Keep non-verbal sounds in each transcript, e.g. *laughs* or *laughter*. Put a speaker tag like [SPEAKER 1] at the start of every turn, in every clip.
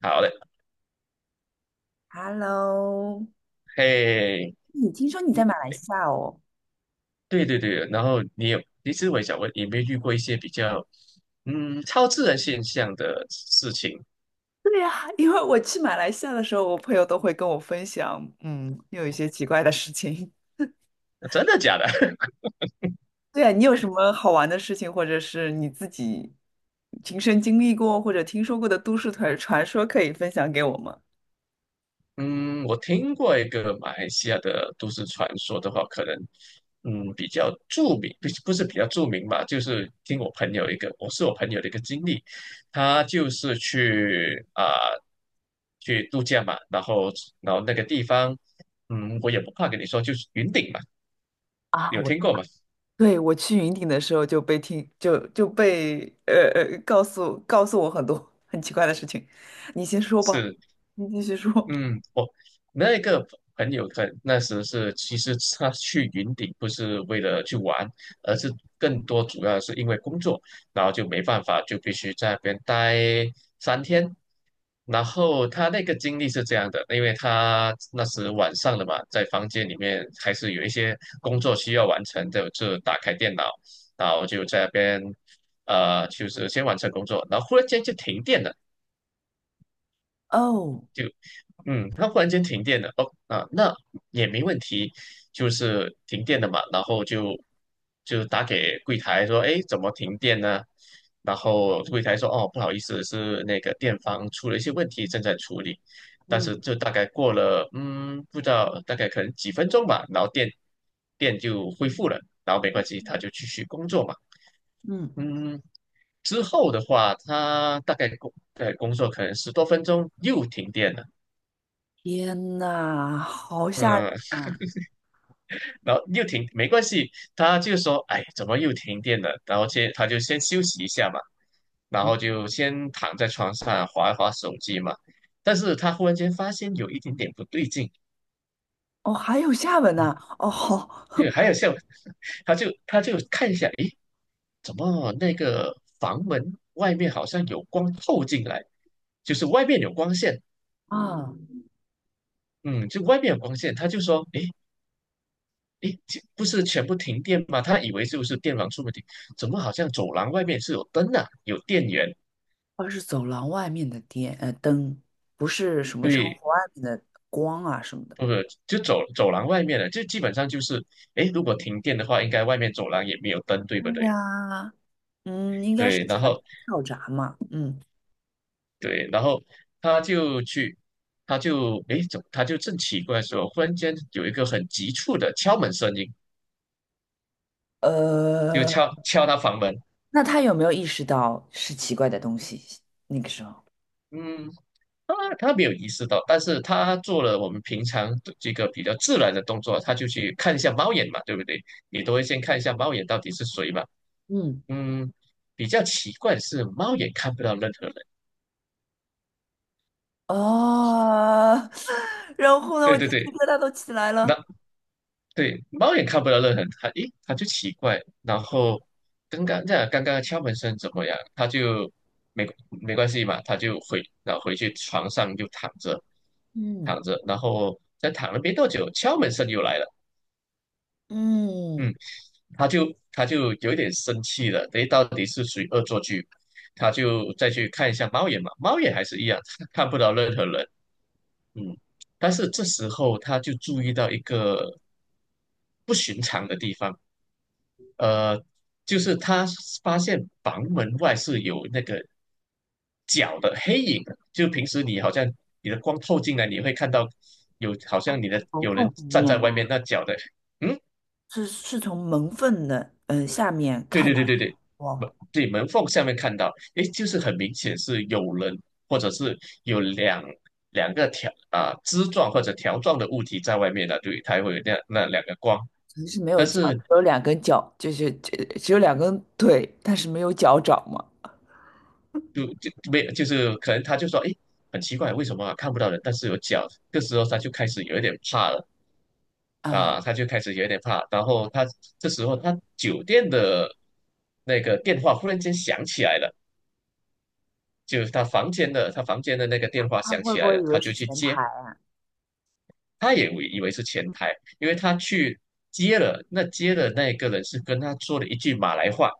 [SPEAKER 1] 好嘞，
[SPEAKER 2] Hello，
[SPEAKER 1] 嘿，
[SPEAKER 2] 你听说你在
[SPEAKER 1] 嗯，
[SPEAKER 2] 马来西亚哦？
[SPEAKER 1] 对对对。然后你有，其实我也想问，你有没有遇过一些比较超自然现象的事情？
[SPEAKER 2] 对呀，因为我去马来西亚的时候，我朋友都会跟我分享，有一些奇怪的事情。
[SPEAKER 1] 真的假的？*laughs*
[SPEAKER 2] *laughs* 对呀，你有什么好玩的事情，或者是你自己亲身经历过或者听说过的都市传说，可以分享给我吗？
[SPEAKER 1] 嗯，我听过一个马来西亚的都市传说的话，可能，比较著名。不是比较著名吧，就是听我朋友一个，我是我朋友的一个经历。他就是去度假嘛，然后那个地方，嗯，我也不怕跟你说，就是云顶嘛。
[SPEAKER 2] 啊，
[SPEAKER 1] 有听过吗？
[SPEAKER 2] 对，我去云顶的时候就被告诉我很多很奇怪的事情，你先说吧，
[SPEAKER 1] 是。
[SPEAKER 2] 你继续说。
[SPEAKER 1] 嗯，我那个朋友可那时是，其实他去云顶不是为了去玩，而是更多主要是因为工作，然后就没办法，就必须在那边待3天。然后他那个经历是这样的，因为他那时晚上了嘛，在房间里面还是有一些工作需要完成的，就打开电脑，然后就在那边，就是先完成工作，然后忽然间就停电了。
[SPEAKER 2] 哦，
[SPEAKER 1] 就。嗯，它忽然间停电了。哦，啊，那也没问题，就是停电了嘛，然后就打给柜台说，哎，怎么停电呢？然后柜台说，哦，不好意思，是那个电房出了一些问题，正在处理。但
[SPEAKER 2] 嗯
[SPEAKER 1] 是就大概过了，不知道大概可能几分钟吧，然后电就恢复了。然后没关系，他就继续工作嘛。
[SPEAKER 2] 嗯，
[SPEAKER 1] 嗯。之后的话，他大概在工作可能10多分钟又停电了。
[SPEAKER 2] 天呐，好吓人
[SPEAKER 1] 嗯。
[SPEAKER 2] 啊！
[SPEAKER 1] 然后又停，没关系，他就说，哎，怎么又停电了？然后他就先休息一下嘛，然
[SPEAKER 2] 嗯
[SPEAKER 1] 后就先躺在床上划一划手机嘛。但是他忽然间发现有一点点不对劲。
[SPEAKER 2] 哦，还有下文
[SPEAKER 1] 嗯，
[SPEAKER 2] 呢、哦，好
[SPEAKER 1] 就
[SPEAKER 2] *laughs*
[SPEAKER 1] 还有像，*laughs* 他就看一下。诶，怎么那个房门外面好像有光透进来，就是外面有光线。
[SPEAKER 2] 啊，
[SPEAKER 1] 嗯，就外面有光线。他就说，诶，诶，这不是全部停电吗？他以为就是电网出问题，怎么好像走廊外面是有灯啊，有电源？
[SPEAKER 2] 它是走廊外面的电灯，不是什么窗
[SPEAKER 1] 对，
[SPEAKER 2] 户外面的光啊什么的。
[SPEAKER 1] 不是，就走廊外面了。就基本上就是，诶，如果停电的话，应该外面走廊也没有灯，对
[SPEAKER 2] 哎
[SPEAKER 1] 不对？
[SPEAKER 2] 呀，应该是
[SPEAKER 1] 对，
[SPEAKER 2] 全
[SPEAKER 1] 然后
[SPEAKER 2] 跳闸嘛。嗯，
[SPEAKER 1] 对，然后他就去。他就诶，怎么他就正奇怪的时候，忽然间有一个很急促的敲门声音，就
[SPEAKER 2] 呃，
[SPEAKER 1] 敲他房门。
[SPEAKER 2] 那他有没有意识到是奇怪的东西？那个时候，
[SPEAKER 1] 嗯，他没有意识到，但是他做了我们平常的这个比较自然的动作，他就去看一下猫眼嘛，对不对？你都会先看一下猫眼到底是谁嘛。
[SPEAKER 2] 嗯，
[SPEAKER 1] 嗯，比较奇怪的是猫眼看不到任何人。
[SPEAKER 2] 哦，*laughs* 然后呢，
[SPEAKER 1] 对
[SPEAKER 2] 我鸡
[SPEAKER 1] 对
[SPEAKER 2] 皮
[SPEAKER 1] 对。
[SPEAKER 2] 疙瘩都起来
[SPEAKER 1] 那，
[SPEAKER 2] 了。
[SPEAKER 1] 对，猫眼看不到任何人。他就奇怪。然后刚刚的敲门声怎么样？他就没没关系嘛，他就回然后回去床上就躺着
[SPEAKER 2] 嗯
[SPEAKER 1] 躺着。然后再躺了没多久，敲门声又来了。嗯。
[SPEAKER 2] 嗯，
[SPEAKER 1] 他就有一点生气了，等于到底是谁恶作剧？他就再去看一下猫眼嘛，猫眼还是一样，*laughs* 看不到任何人。嗯，但是这时候他就注意到一个不寻常的地方，呃，就是他发现房门外是有那个脚的黑影的。就平时你好像你的光透进来，你会看到有好像你的
[SPEAKER 2] 头
[SPEAKER 1] 有
[SPEAKER 2] 痛
[SPEAKER 1] 人
[SPEAKER 2] 里
[SPEAKER 1] 站在
[SPEAKER 2] 面。
[SPEAKER 1] 外面，那脚的。嗯，
[SPEAKER 2] 是从门缝的下面
[SPEAKER 1] 对
[SPEAKER 2] 看
[SPEAKER 1] 对
[SPEAKER 2] 到，
[SPEAKER 1] 对对对。
[SPEAKER 2] 哇，
[SPEAKER 1] 门缝下面看到，诶，就是很明显是有人，或者是有两个条啊、枝状或者条状的物体在外面的。对，它会有那两个光。
[SPEAKER 2] 可是没有
[SPEAKER 1] 但
[SPEAKER 2] 脚，
[SPEAKER 1] 是
[SPEAKER 2] 只有两根脚，就是只有两根腿，但是没有脚掌嘛。
[SPEAKER 1] 没有，就是可能他就说，诶，很奇怪，为什么看不到人，但是有脚？这时候他就开始有一点怕了。啊、
[SPEAKER 2] 啊，
[SPEAKER 1] 他就开始有一点怕，然后他这时候他酒店的那个电话忽然间响起来了。就是他房间的，那个电话
[SPEAKER 2] 他
[SPEAKER 1] 响
[SPEAKER 2] 会
[SPEAKER 1] 起
[SPEAKER 2] 不
[SPEAKER 1] 来
[SPEAKER 2] 会
[SPEAKER 1] 了，
[SPEAKER 2] 以
[SPEAKER 1] 他
[SPEAKER 2] 为是
[SPEAKER 1] 就去
[SPEAKER 2] 前
[SPEAKER 1] 接。
[SPEAKER 2] 台啊
[SPEAKER 1] 他也以为是前台，因为他去接的那个人是跟他说了一句马来话。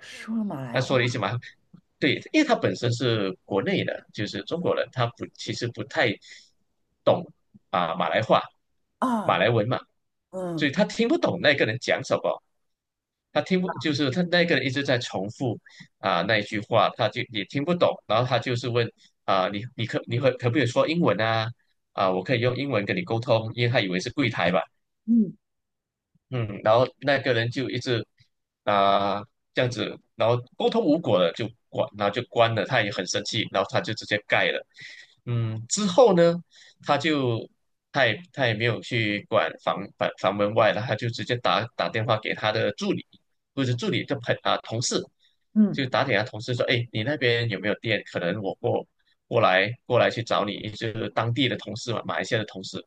[SPEAKER 2] 说了马来
[SPEAKER 1] 他
[SPEAKER 2] 话
[SPEAKER 1] 说了一句马来，对，因为他本身是国内的，就是中国人。他不其实不太懂啊、马来话、马
[SPEAKER 2] 啊，
[SPEAKER 1] 来文嘛。所
[SPEAKER 2] 嗯
[SPEAKER 1] 以他听不懂那个人讲什么。他听不就是他那个人一直在重复那一句话，他就也听不懂。然后他就是问，你你可你可可不可以说英文啊？我可以用英文跟你沟通，因为他以为是柜台吧。
[SPEAKER 2] 嗯
[SPEAKER 1] 嗯，然后那个人就一直啊、这样子。然后沟通无果了，然后就关了。他也很生气，然后他就直接盖了。嗯，之后呢，他就他也没有去管房门外了。他就直接打电话给他的助理，或者助理就朋啊同事。
[SPEAKER 2] 嗯，
[SPEAKER 1] 就打给他同事说，哎，你那边有没有电？可能我过来去找你。就是当地的同事嘛，马来西亚的同事。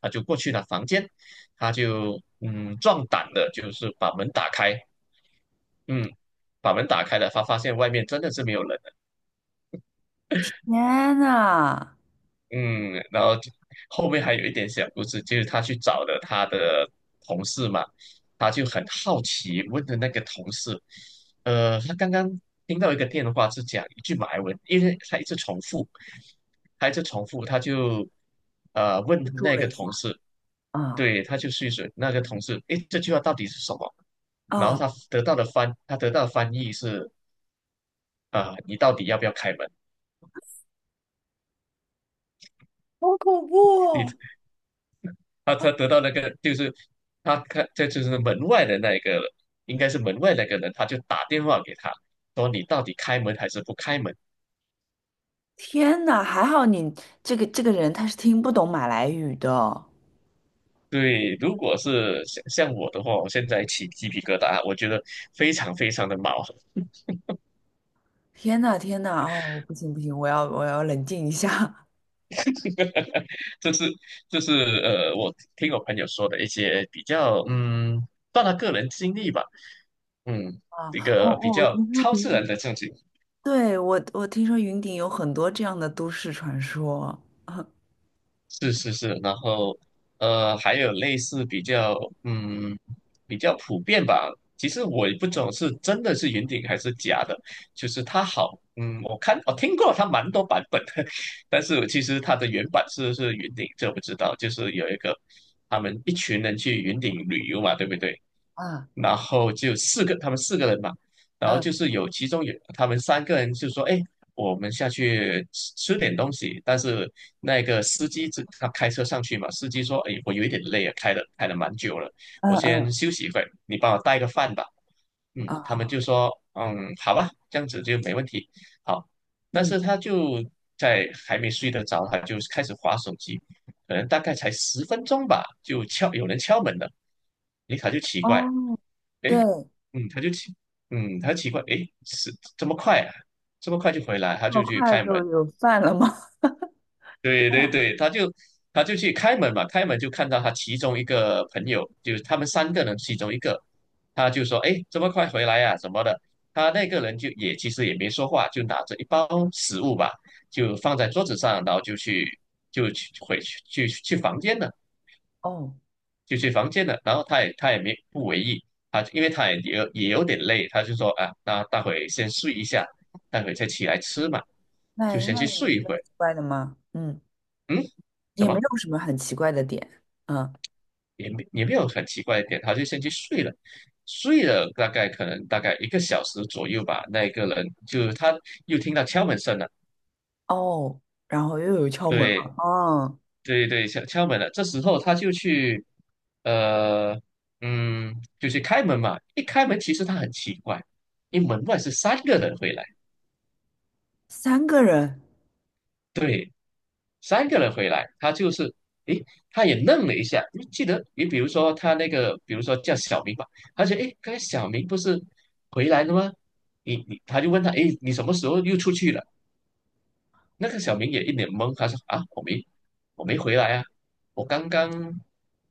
[SPEAKER 1] 他就过去了房间。他就壮胆的，就是把门打开。嗯，把门打开了，他发现外面真的是没有人。
[SPEAKER 2] 天呐，
[SPEAKER 1] 嗯，然后就后面还有一点小故事，就是他去找了他的同事嘛。他就很好奇问的那个同事，他刚刚听到一个电话是讲一句马来文，因为他一直重复，他一直重复。他就问
[SPEAKER 2] 我住
[SPEAKER 1] 那
[SPEAKER 2] 了
[SPEAKER 1] 个
[SPEAKER 2] 一
[SPEAKER 1] 同
[SPEAKER 2] 下，
[SPEAKER 1] 事。
[SPEAKER 2] 啊
[SPEAKER 1] 对，他就去试那个同事，诶，这句话到底是什么？然后
[SPEAKER 2] 啊，
[SPEAKER 1] 他得到的翻译是，你到底要不要开门？
[SPEAKER 2] 好恐怖
[SPEAKER 1] 你？
[SPEAKER 2] 哦
[SPEAKER 1] 他得到那个就是他看这就是门外的那一个，应该是门外那个人。他就打电话给他，说你到底开门还是不开门？
[SPEAKER 2] 天呐，还好你这个人他是听不懂马来语的哦。
[SPEAKER 1] 对，如果是像我的话，我现在起鸡皮疙瘩，我觉得非常非常的毛。
[SPEAKER 2] 天呐天呐，哦，不行不行，我要冷静一下。
[SPEAKER 1] *laughs* 这是这是我听我朋友说的一些比较，嗯，算他个人经历吧。嗯，
[SPEAKER 2] 啊，
[SPEAKER 1] 一
[SPEAKER 2] 哦
[SPEAKER 1] 个比
[SPEAKER 2] 哦，我
[SPEAKER 1] 较
[SPEAKER 2] 听说
[SPEAKER 1] 超
[SPEAKER 2] 云
[SPEAKER 1] 自然
[SPEAKER 2] 顶，
[SPEAKER 1] 的事情。
[SPEAKER 2] 对，我听说云顶有很多这样的都市传说。*laughs* 啊
[SPEAKER 1] 是是是。然后还有类似比较嗯比较普遍吧。其实我也不懂是真的是云顶还是假的。就是它好，嗯，我听过它蛮多版本的。*laughs* 但是其实它的原版是云顶，这我不知道。就是有一个他们一群人去云顶旅游嘛，对不对？
[SPEAKER 2] 啊
[SPEAKER 1] 然后就四个，他们4个人嘛。然后就
[SPEAKER 2] 嗯
[SPEAKER 1] 是其中有他们三个人就说，哎，我们下去吃吃点东西。但是那个司机他开车上去嘛。司机说：“哎，我有一点累啊，开了蛮久了，
[SPEAKER 2] 嗯
[SPEAKER 1] 我先
[SPEAKER 2] 嗯
[SPEAKER 1] 休息一会，你帮我带个饭吧。”嗯，他们
[SPEAKER 2] 啊
[SPEAKER 1] 就说：“嗯，好吧，这样子就没问题。”好。但
[SPEAKER 2] 嗯
[SPEAKER 1] 是他就在还没睡得着，他就开始划手机。可能大概才10分钟吧，有人敲门了。诶，他就奇怪。
[SPEAKER 2] 哦，对，
[SPEAKER 1] 诶，嗯，他奇怪，诶，是这么快啊？这么快就回来，他
[SPEAKER 2] 这么
[SPEAKER 1] 就去
[SPEAKER 2] 快
[SPEAKER 1] 开
[SPEAKER 2] 就
[SPEAKER 1] 门。
[SPEAKER 2] 有饭了吗？
[SPEAKER 1] 对对对，他就去开门嘛。开门就看到他其中一个朋友，就是他们3个人其中一个。他就说：“哎，这么快回来呀、什么的。”他那个人就也其实也没说话，就拿着一包食物吧，就放在桌子上，然后就去就去回去去去房间了。
[SPEAKER 2] *laughs* 哦，
[SPEAKER 1] 然后他也没不为意。他因为他也有有点累，他就说：“啊，那待会先睡一下，待会再起来吃嘛，
[SPEAKER 2] 那
[SPEAKER 1] 就
[SPEAKER 2] 有
[SPEAKER 1] 先去睡
[SPEAKER 2] 什
[SPEAKER 1] 一
[SPEAKER 2] 么
[SPEAKER 1] 会。”
[SPEAKER 2] 奇怪的吗？嗯，
[SPEAKER 1] 嗯，怎
[SPEAKER 2] 也没
[SPEAKER 1] 么？
[SPEAKER 2] 有什么很奇怪的点。嗯
[SPEAKER 1] 也没有很奇怪的点，他就先去睡了。睡了大概1个小时左右吧。那个人就他又听到敲门声了。
[SPEAKER 2] 哦，然后又有敲门
[SPEAKER 1] 对
[SPEAKER 2] 了。哦，
[SPEAKER 1] 对对，敲敲门了。这时候他就去，呃，嗯，就去开门嘛。一开门，其实他很奇怪，因为门外是三个人回来。
[SPEAKER 2] 三个人。
[SPEAKER 1] 对，三个人回来，他诶，他也愣了一下。就记得比如说他那个，比如说叫小明吧。他觉得诶，刚才小明不是回来了吗？他就问他，诶，你什么时候又出去了？那个小明也一脸懵，他说啊，我没回来啊。我刚刚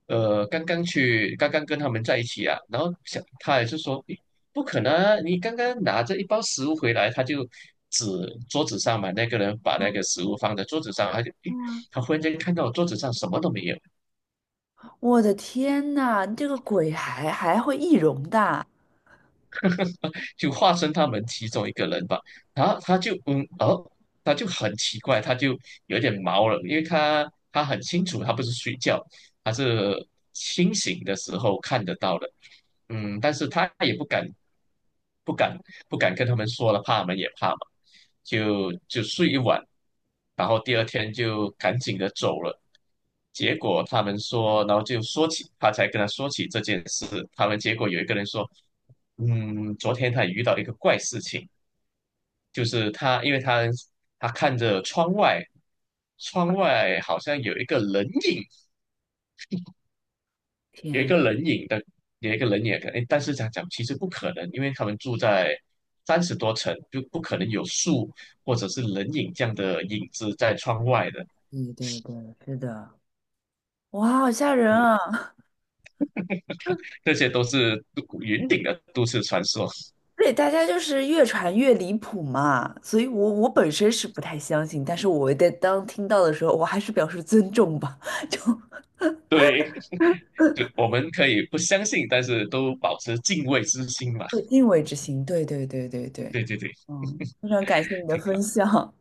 [SPEAKER 1] 呃刚刚去刚刚跟他们在一起啊。然后想他也是说，诶，不可能啊，你刚刚拿着一包食物回来。他就指桌子上嘛。那个人把那个
[SPEAKER 2] 啊
[SPEAKER 1] 食物放在桌子上，他就诶
[SPEAKER 2] 对啊，
[SPEAKER 1] 他忽然间看到我桌子上什么都没有。
[SPEAKER 2] 我的天呐，这个鬼还会易容的啊！
[SPEAKER 1] 就化身他们其中一个人吧。然后他就他就很奇怪，他就有点毛了，因为他他很清楚，他不是睡觉，他是清醒的时候看得到的。嗯，但是他也不敢不敢跟他们说了，怕他们也怕嘛，就睡一晚。然后第二天就赶紧的走了。结果他们说，然后就说起，他才跟他说起这件事。他们结果有一个人说，嗯，昨天他也遇到一个怪事情。就是他因为他看着窗外。窗外好像有一个人影，有一
[SPEAKER 2] 天，
[SPEAKER 1] 个人影的，有一个人影的可能。诶，但是讲其实不可能，因为他们住在30多层，就不可能有树或者是人影这样的影子在窗外的。
[SPEAKER 2] 对对对，是的。哇，好吓人
[SPEAKER 1] 呃，
[SPEAKER 2] 啊！
[SPEAKER 1] 这些都是云顶的都市传说。*laughs*
[SPEAKER 2] *laughs* 对，大家就是越传越离谱嘛，所以我本身是不太相信，但是我在当听到的时候，我还是表示尊重吧，
[SPEAKER 1] 对，就我们可以不相信，但是都保持敬畏之心嘛。
[SPEAKER 2] 有敬畏之心。对对对对
[SPEAKER 1] *laughs*
[SPEAKER 2] 对，
[SPEAKER 1] 对对对，
[SPEAKER 2] 嗯，非常感谢你的
[SPEAKER 1] 挺好，
[SPEAKER 2] 分享，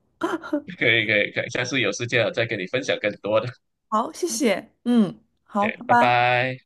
[SPEAKER 1] 可以可以可以，下次有时间我再跟你分享更多的。
[SPEAKER 2] 好，谢谢，嗯，好，
[SPEAKER 1] 对，
[SPEAKER 2] 拜
[SPEAKER 1] 拜
[SPEAKER 2] 拜。
[SPEAKER 1] 拜。